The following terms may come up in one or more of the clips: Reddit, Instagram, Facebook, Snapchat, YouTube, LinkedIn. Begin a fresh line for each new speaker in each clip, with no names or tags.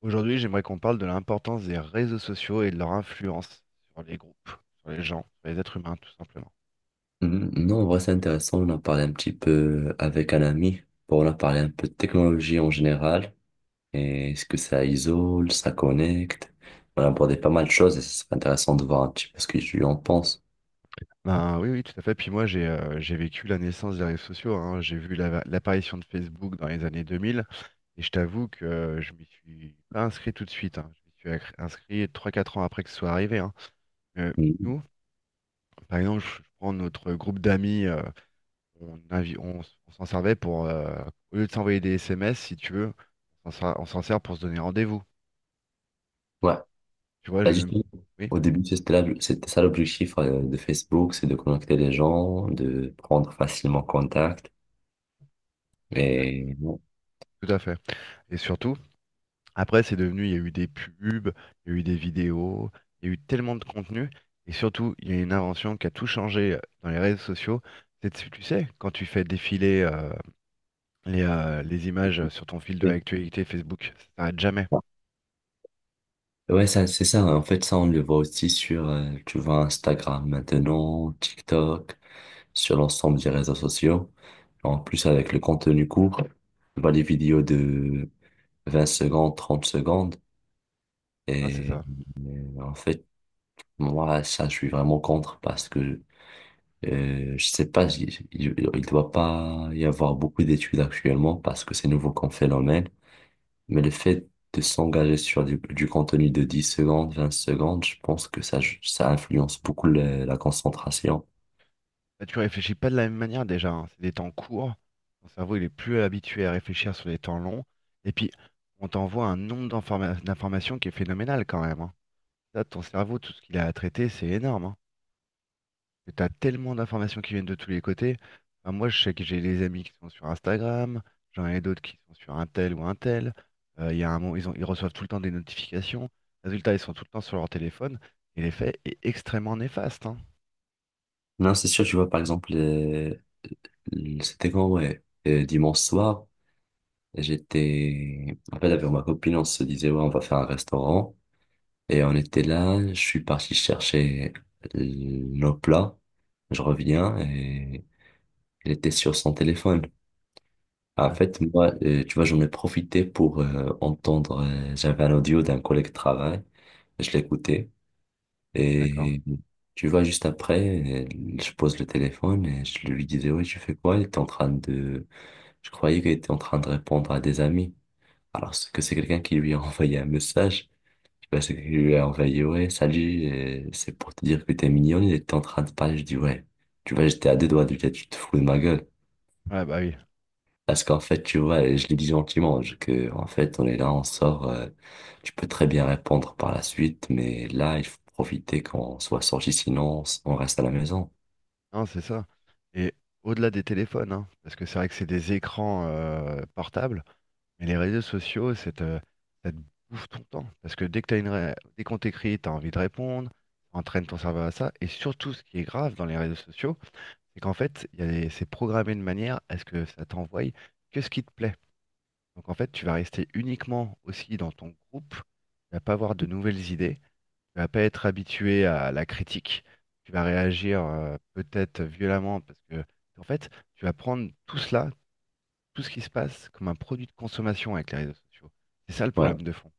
Aujourd'hui, j'aimerais qu'on parle de l'importance des réseaux sociaux et de leur influence sur les groupes, sur les gens, sur les êtres humains, tout simplement.
Mhm. Non, en vrai, c'est intéressant. On a parlé un petit peu avec un ami. Bon, on a parlé un peu de technologie en général. Et est-ce que ça isole, ça connecte? On a abordé pas mal de choses et ce serait intéressant de voir un petit peu ce que tu en penses.
Oui, oui, tout à fait. Puis moi, j'ai vécu la naissance des réseaux sociaux, hein. J'ai vu l'apparition de Facebook dans les années 2000. Et je t'avoue que je m'y suis pas inscrit tout de suite, hein. Je m'y suis inscrit trois quatre ans après que ce soit arrivé, hein. Euh,
Mhm.
Nous, par exemple, je prends notre groupe d'amis. On s'en servait pour au lieu de s'envoyer des SMS, si tu veux, on s'en sert pour se donner rendez-vous.
Ouais.
Tu vois,
Bah,
j'ai même.
justement,
Oui,
au début, c'était ça l'objectif de Facebook, c'est de connecter les gens, de prendre facilement contact. Et bon,
tout à fait. Et surtout, après, c'est devenu, il y a eu des pubs, il y a eu des vidéos, il y a eu tellement de contenu. Et surtout, il y a une invention qui a tout changé dans les réseaux sociaux. C'est, tu sais, quand tu fais défiler les images sur ton fil de
c'est
l'actualité Facebook, ça s'arrête jamais.
ça. Ouais, ça, c'est ça, hein. En fait, ça, on le voit aussi sur, tu vois, Instagram maintenant, TikTok, sur l'ensemble des réseaux sociaux. En plus, avec le contenu court, bah, les vidéos de 20 secondes, 30 secondes.
Ah, c'est
Et
ça.
en fait, moi, ça, je suis vraiment contre parce que je sais pas, il ne doit pas y avoir beaucoup d'études actuellement parce que c'est nouveau comme phénomène. Mais le fait de s'engager sur du contenu de 10 secondes, 20 secondes, je pense que ça influence beaucoup la concentration.
Bah, tu réfléchis pas de la même manière déjà, hein. C'est des temps courts. Ton cerveau, il est plus habitué à réfléchir sur des temps longs. Et puis, on t'envoie un nombre d'informations qui est phénoménal quand même, hein. Là, ton cerveau, tout ce qu'il a à traiter, c'est énorme, hein. Tu as tellement d'informations qui viennent de tous les côtés. Enfin, moi, je sais que j'ai des amis qui sont sur Instagram, j'en ai d'autres qui sont sur un tel ou un tel. Il y a un moment, ils reçoivent tout le temps des notifications. Résultat, ils sont tout le temps sur leur téléphone. Et l'effet est extrêmement néfaste, hein.
Non, c'est sûr, tu vois, par exemple, c'était quand, ouais, dimanche soir, j'étais, en fait, avec ma copine, on se disait, ouais, on va faire un restaurant. Et on était là, je suis parti chercher nos plats. Je reviens et il était sur son téléphone. En
Ouais,
fait, moi, tu vois, j'en ai profité pour entendre, j'avais un audio d'un collègue de travail, je l'écoutais.
d'accord.
Et tu vois, juste après, je pose le téléphone et je lui disais, ouais, tu fais quoi? Il était en train de Je croyais qu'il était en train de répondre à des amis. Alors ce que c'est quelqu'un qui lui a envoyé un message. Je sais pas, c'est qu'il lui a envoyé, ouais, salut, c'est pour te dire que t'es mignonne. Il était en train de parler. Je dis, ouais, tu vois, j'étais à deux doigts de lui dire, tu te fous de ma gueule.
Ouais, bah oui.
Parce qu'en fait, tu vois, et je l'ai dit gentiment, que, en fait, on est là, on sort, tu peux très bien répondre par la suite, mais là, il faut profiter quand on soit sorti, sinon on reste à la maison.
Non, c'est ça. Et au-delà des téléphones, hein, parce que c'est vrai que c'est des écrans portables. Mais les réseaux sociaux, ça te bouffe ton temps. Parce que dès que dès qu'on t'écrit, tu as envie de répondre, ça entraîne ton cerveau à ça. Et surtout, ce qui est grave dans les réseaux sociaux, c'est qu'en fait, il y a des- c'est programmé de manière à ce que ça t'envoie que ce qui te plaît. Donc en fait, tu vas rester uniquement aussi dans ton groupe, tu vas pas avoir de nouvelles idées, tu vas pas être habitué à la critique, tu vas réagir peut-être violemment parce que en fait, tu vas prendre tout cela, tout ce qui se passe comme un produit de consommation avec les réseaux sociaux. C'est ça le
Ouais.
problème de fond.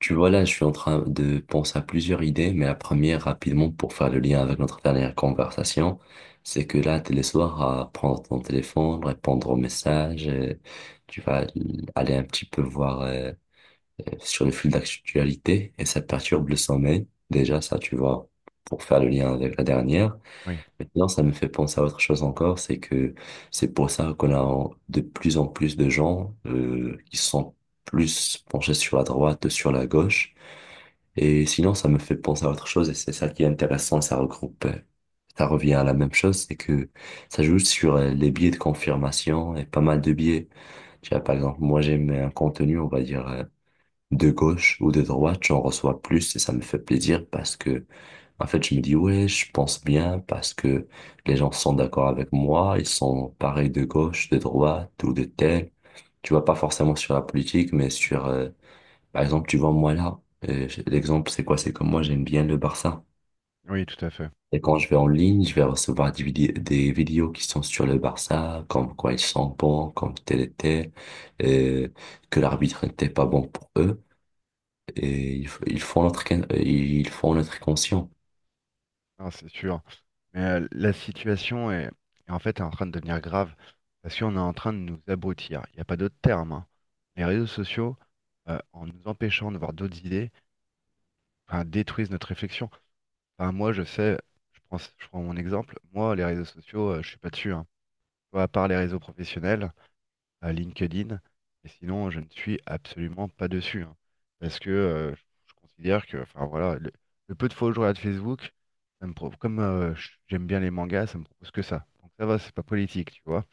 Tu vois, là, je suis en train de penser à plusieurs idées, mais la première, rapidement, pour faire le lien avec notre dernière conversation, c'est que là, t'es le soir à prendre ton téléphone, répondre aux messages, tu vas aller un petit peu voir sur le fil d'actualité, et ça perturbe le sommeil. Déjà, ça, tu vois, pour faire le lien avec la dernière.
Oui,
Maintenant, ça me fait penser à autre chose encore, c'est que c'est pour ça qu'on a de plus en plus de gens qui sont plus penchés sur la droite, sur la gauche. Et sinon, ça me fait penser à autre chose et c'est ça qui est intéressant, ça regroupe, ça revient à la même chose, c'est que ça joue sur les biais de confirmation et pas mal de biais. Tu vois, par exemple, moi j'aime un contenu, on va dire, de gauche ou de droite, j'en reçois plus et ça me fait plaisir parce que, en fait, je me dis, ouais, je pense bien parce que les gens sont d'accord avec moi, ils sont pareils de gauche, de droite ou de tel. Tu vois, pas forcément sur la politique, mais sur, par exemple, tu vois, moi là, l'exemple, c'est quoi? C'est que moi, j'aime bien le Barça.
oui, tout à fait.
Et quand je vais en ligne, je vais recevoir des vidéos qui sont sur le Barça, comme quoi ils sont bons, comme tel était, euh, que l'arbitre n'était pas bon pour eux. Et ils font notre, ils font notre conscient.
Non, c'est sûr. Mais la situation est en fait en train de devenir grave parce qu'on est en train de nous abrutir. Il n'y a pas d'autre terme, hein. Les réseaux sociaux, en nous empêchant de voir d'autres idées, enfin, détruisent notre réflexion. Enfin, moi, je sais, je prends mon exemple. Moi, les réseaux sociaux, je suis pas dessus, hein. Tu vois, à part les réseaux professionnels, à LinkedIn. Et sinon, je ne suis absolument pas dessus, hein. Parce que je considère que, enfin voilà, le peu de fois où je regarde Facebook, ça me j'aime bien les mangas, ça me propose que ça. Donc ça va, c'est pas politique, tu vois,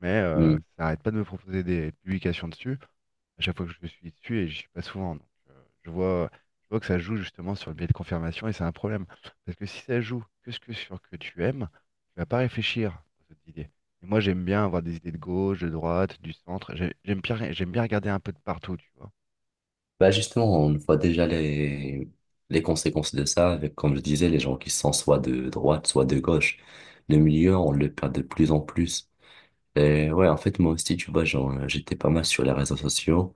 mais
Hmm.
ça n'arrête pas de me proposer des publications dessus. À chaque fois que je suis dessus, et je suis pas souvent, je vois, je vois que ça joue justement sur le biais de confirmation, et c'est un problème. Parce que si ça joue que ce que sur que tu aimes, tu vas pas réfléchir aux autres idées. Et moi, j'aime bien avoir des idées de gauche, de droite, du centre. J'aime bien regarder un peu de partout, tu vois.
Bah justement, on voit déjà les conséquences de ça, avec, comme je disais, les gens qui sont soit de droite, soit de gauche. Le milieu, on le perd de plus en plus. Et ouais, en fait, moi aussi, tu vois, genre, j'étais pas mal sur les réseaux sociaux.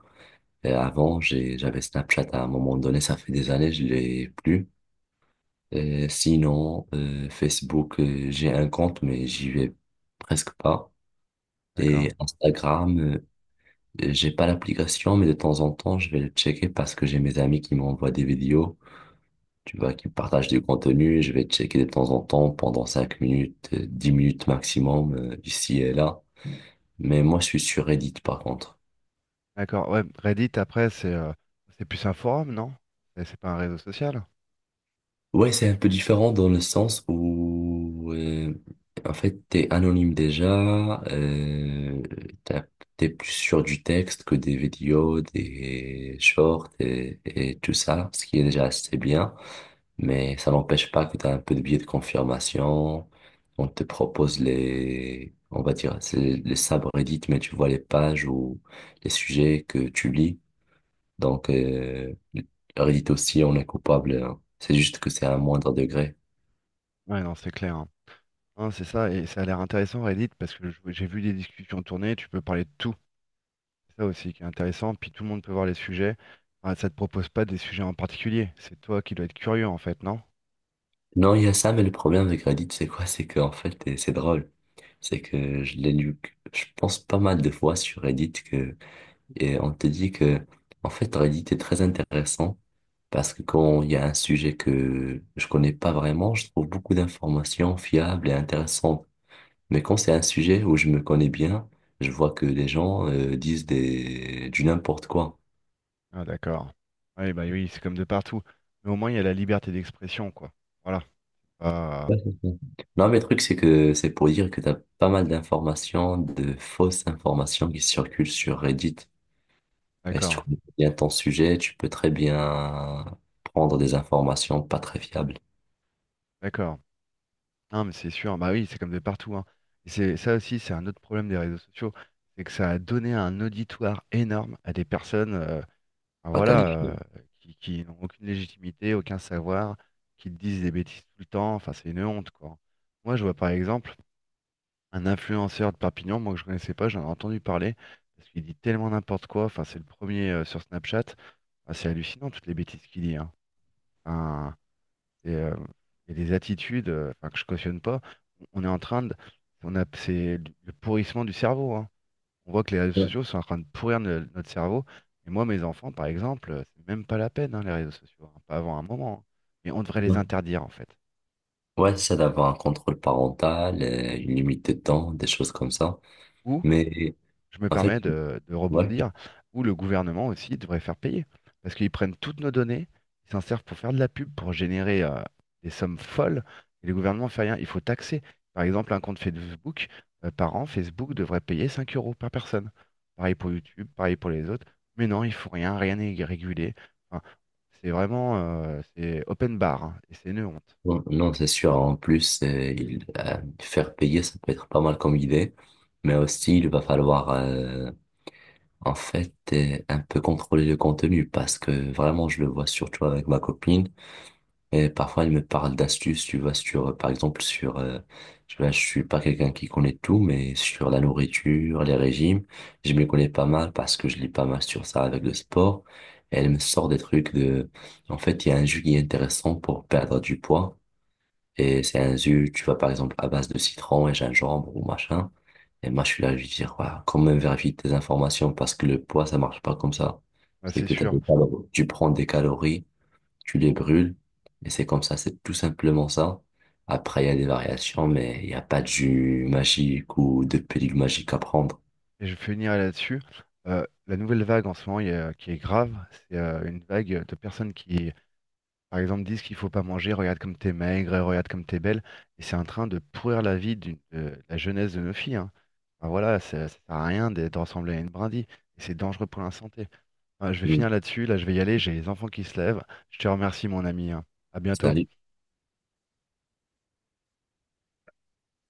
Et avant, j'avais Snapchat à un moment donné, ça fait des années, je l'ai plus. Et sinon, Facebook, j'ai un compte, mais j'y vais presque pas.
D'accord.
Et Instagram, j'ai pas l'application, mais de temps en temps, je vais le checker parce que j'ai mes amis qui m'envoient des vidéos, tu vois, qui partagent du contenu. Je vais checker de temps en temps pendant 5 minutes, 10 minutes maximum, ici et là. Mais moi, je suis sur Reddit, par contre.
D'accord. Ouais, Reddit, après, c'est plus un forum, non? C'est pas un réseau social?
Ouais, c'est un peu différent dans le sens où, en fait, t'es anonyme déjà, t'as- t'es plus sur du texte que des vidéos, des shorts et tout ça, ce qui est déjà assez bien, mais ça n'empêche pas que t'as un peu de biais de confirmation, on te propose les, on va dire, c'est les subreddits, mais tu vois les pages ou les sujets que tu lis. Donc, Reddit aussi, on est coupable, hein. C'est juste que c'est à un moindre degré.
Ouais, non, c'est clair. Hein, c'est ça, et ça a l'air intéressant Reddit parce que j'ai vu des discussions tourner, tu peux parler de tout. C'est ça aussi qui est intéressant, puis tout le monde peut voir les sujets. Ah, ça te propose pas des sujets en particulier, c'est toi qui dois être curieux en fait, non?
Non, il y a ça, mais le problème avec Reddit, c'est quoi? C'est qu'en fait, et c'est drôle. C'est que je l'ai lu, je pense pas mal de fois sur Reddit que, et on te dit que, en fait, Reddit est très intéressant parce que quand il y a un sujet que je connais pas vraiment, je trouve beaucoup d'informations fiables et intéressantes. Mais quand c'est un sujet où je me connais bien, je vois que les gens, disent des, du n'importe quoi.
Ah d'accord. Oui, bah oui, c'est comme de partout. Mais au moins il y a la liberté d'expression, quoi. Voilà. Ah,
Ouais, c'est ça. Non, mais le truc, c'est que c'est pour dire que tu as pas mal d'informations, de fausses informations qui circulent sur Reddit. Et si tu
d'accord,
connais bien ton sujet, tu peux très bien prendre des informations pas très fiables,
d'accord. Non mais c'est sûr, bah oui, c'est comme de partout, hein. Et c'est ça aussi, c'est un autre problème des réseaux sociaux, c'est que ça a donné un auditoire énorme à des personnes. Enfin,
pas
voilà, euh,
qualifiées.
qui n'ont aucune légitimité, aucun savoir, qui te disent des bêtises tout le temps. Enfin, c'est une honte, quoi. Moi, je vois par exemple un influenceur de Perpignan, moi que je connaissais pas, j'en ai entendu parler, parce qu'il dit tellement n'importe quoi. Enfin, c'est le premier sur Snapchat. Enfin, c'est hallucinant toutes les bêtises qu'il dit, hein. Enfin, et, euh, il des attitudes enfin, que je cautionne pas. On est en train de, on a, c'est le pourrissement du cerveau, hein. On voit que les réseaux
Ouais,
sociaux sont en train de pourrir notre cerveau. Et moi, mes enfants, par exemple, c'est même pas la peine, hein, les réseaux sociaux, hein, pas avant un moment, hein. Mais on devrait les
ouais.
interdire, en fait.
Ouais, c'est ça d'avoir un contrôle parental, une limite de temps, des choses comme ça.
Ou
Mais
je me
en fait,
permets de
voilà.
rebondir, où le gouvernement aussi devrait faire payer. Parce qu'ils prennent toutes nos données, ils s'en servent pour faire de la pub, pour générer des sommes folles, et le gouvernement ne fait rien. Il faut taxer. Par exemple, un compte Facebook, par an, Facebook devrait payer 5 euros par personne. Pareil pour YouTube, pareil pour les autres. Mais non, il faut rien, rien n'est régulé. Enfin, c'est vraiment, c'est open bar, hein, et c'est une honte.
Non, non, c'est sûr. En plus, faire payer, ça peut être pas mal comme idée. Mais aussi, il va falloir en fait, un peu contrôler le contenu parce que vraiment, je le vois surtout avec ma copine et parfois, elle me parle d'astuces, tu vois, sur, par exemple, sur, tu vois, je suis pas quelqu'un qui connaît tout, mais sur la nourriture, les régimes, je me connais pas mal parce que je lis pas mal sur ça avec le sport. Et elle me sort des trucs de, en fait, il y a un jus qui est intéressant pour perdre du poids. Et c'est un jus, tu vois, par exemple, à base de citron et gingembre ou machin. Et moi, je suis là, je lui dis, ouais, quand même, vérifie tes informations parce que le poids, ça marche pas comme ça.
Ouais,
C'est
c'est
que
sûr.
tu prends des calories, tu les brûles, et c'est comme ça, c'est tout simplement ça. Après, il y a des variations, mais il n'y a pas de jus magique ou de pilule magique à prendre.
Et je finirai là-dessus. La nouvelle vague en ce moment qui est grave, c'est une vague de personnes qui, par exemple, disent qu'il faut pas manger, regarde comme t'es maigre, regarde comme t'es belle. Et c'est en train de pourrir la vie de la jeunesse de nos filles, hein. Enfin, voilà, ça sert à rien d'être de ressembler à une brindille. Et c'est dangereux pour la santé. Enfin, je vais
Mm.
finir là-dessus. Là, je vais y aller. J'ai les enfants qui se lèvent. Je te remercie, mon ami, hein. À bientôt.
Salut.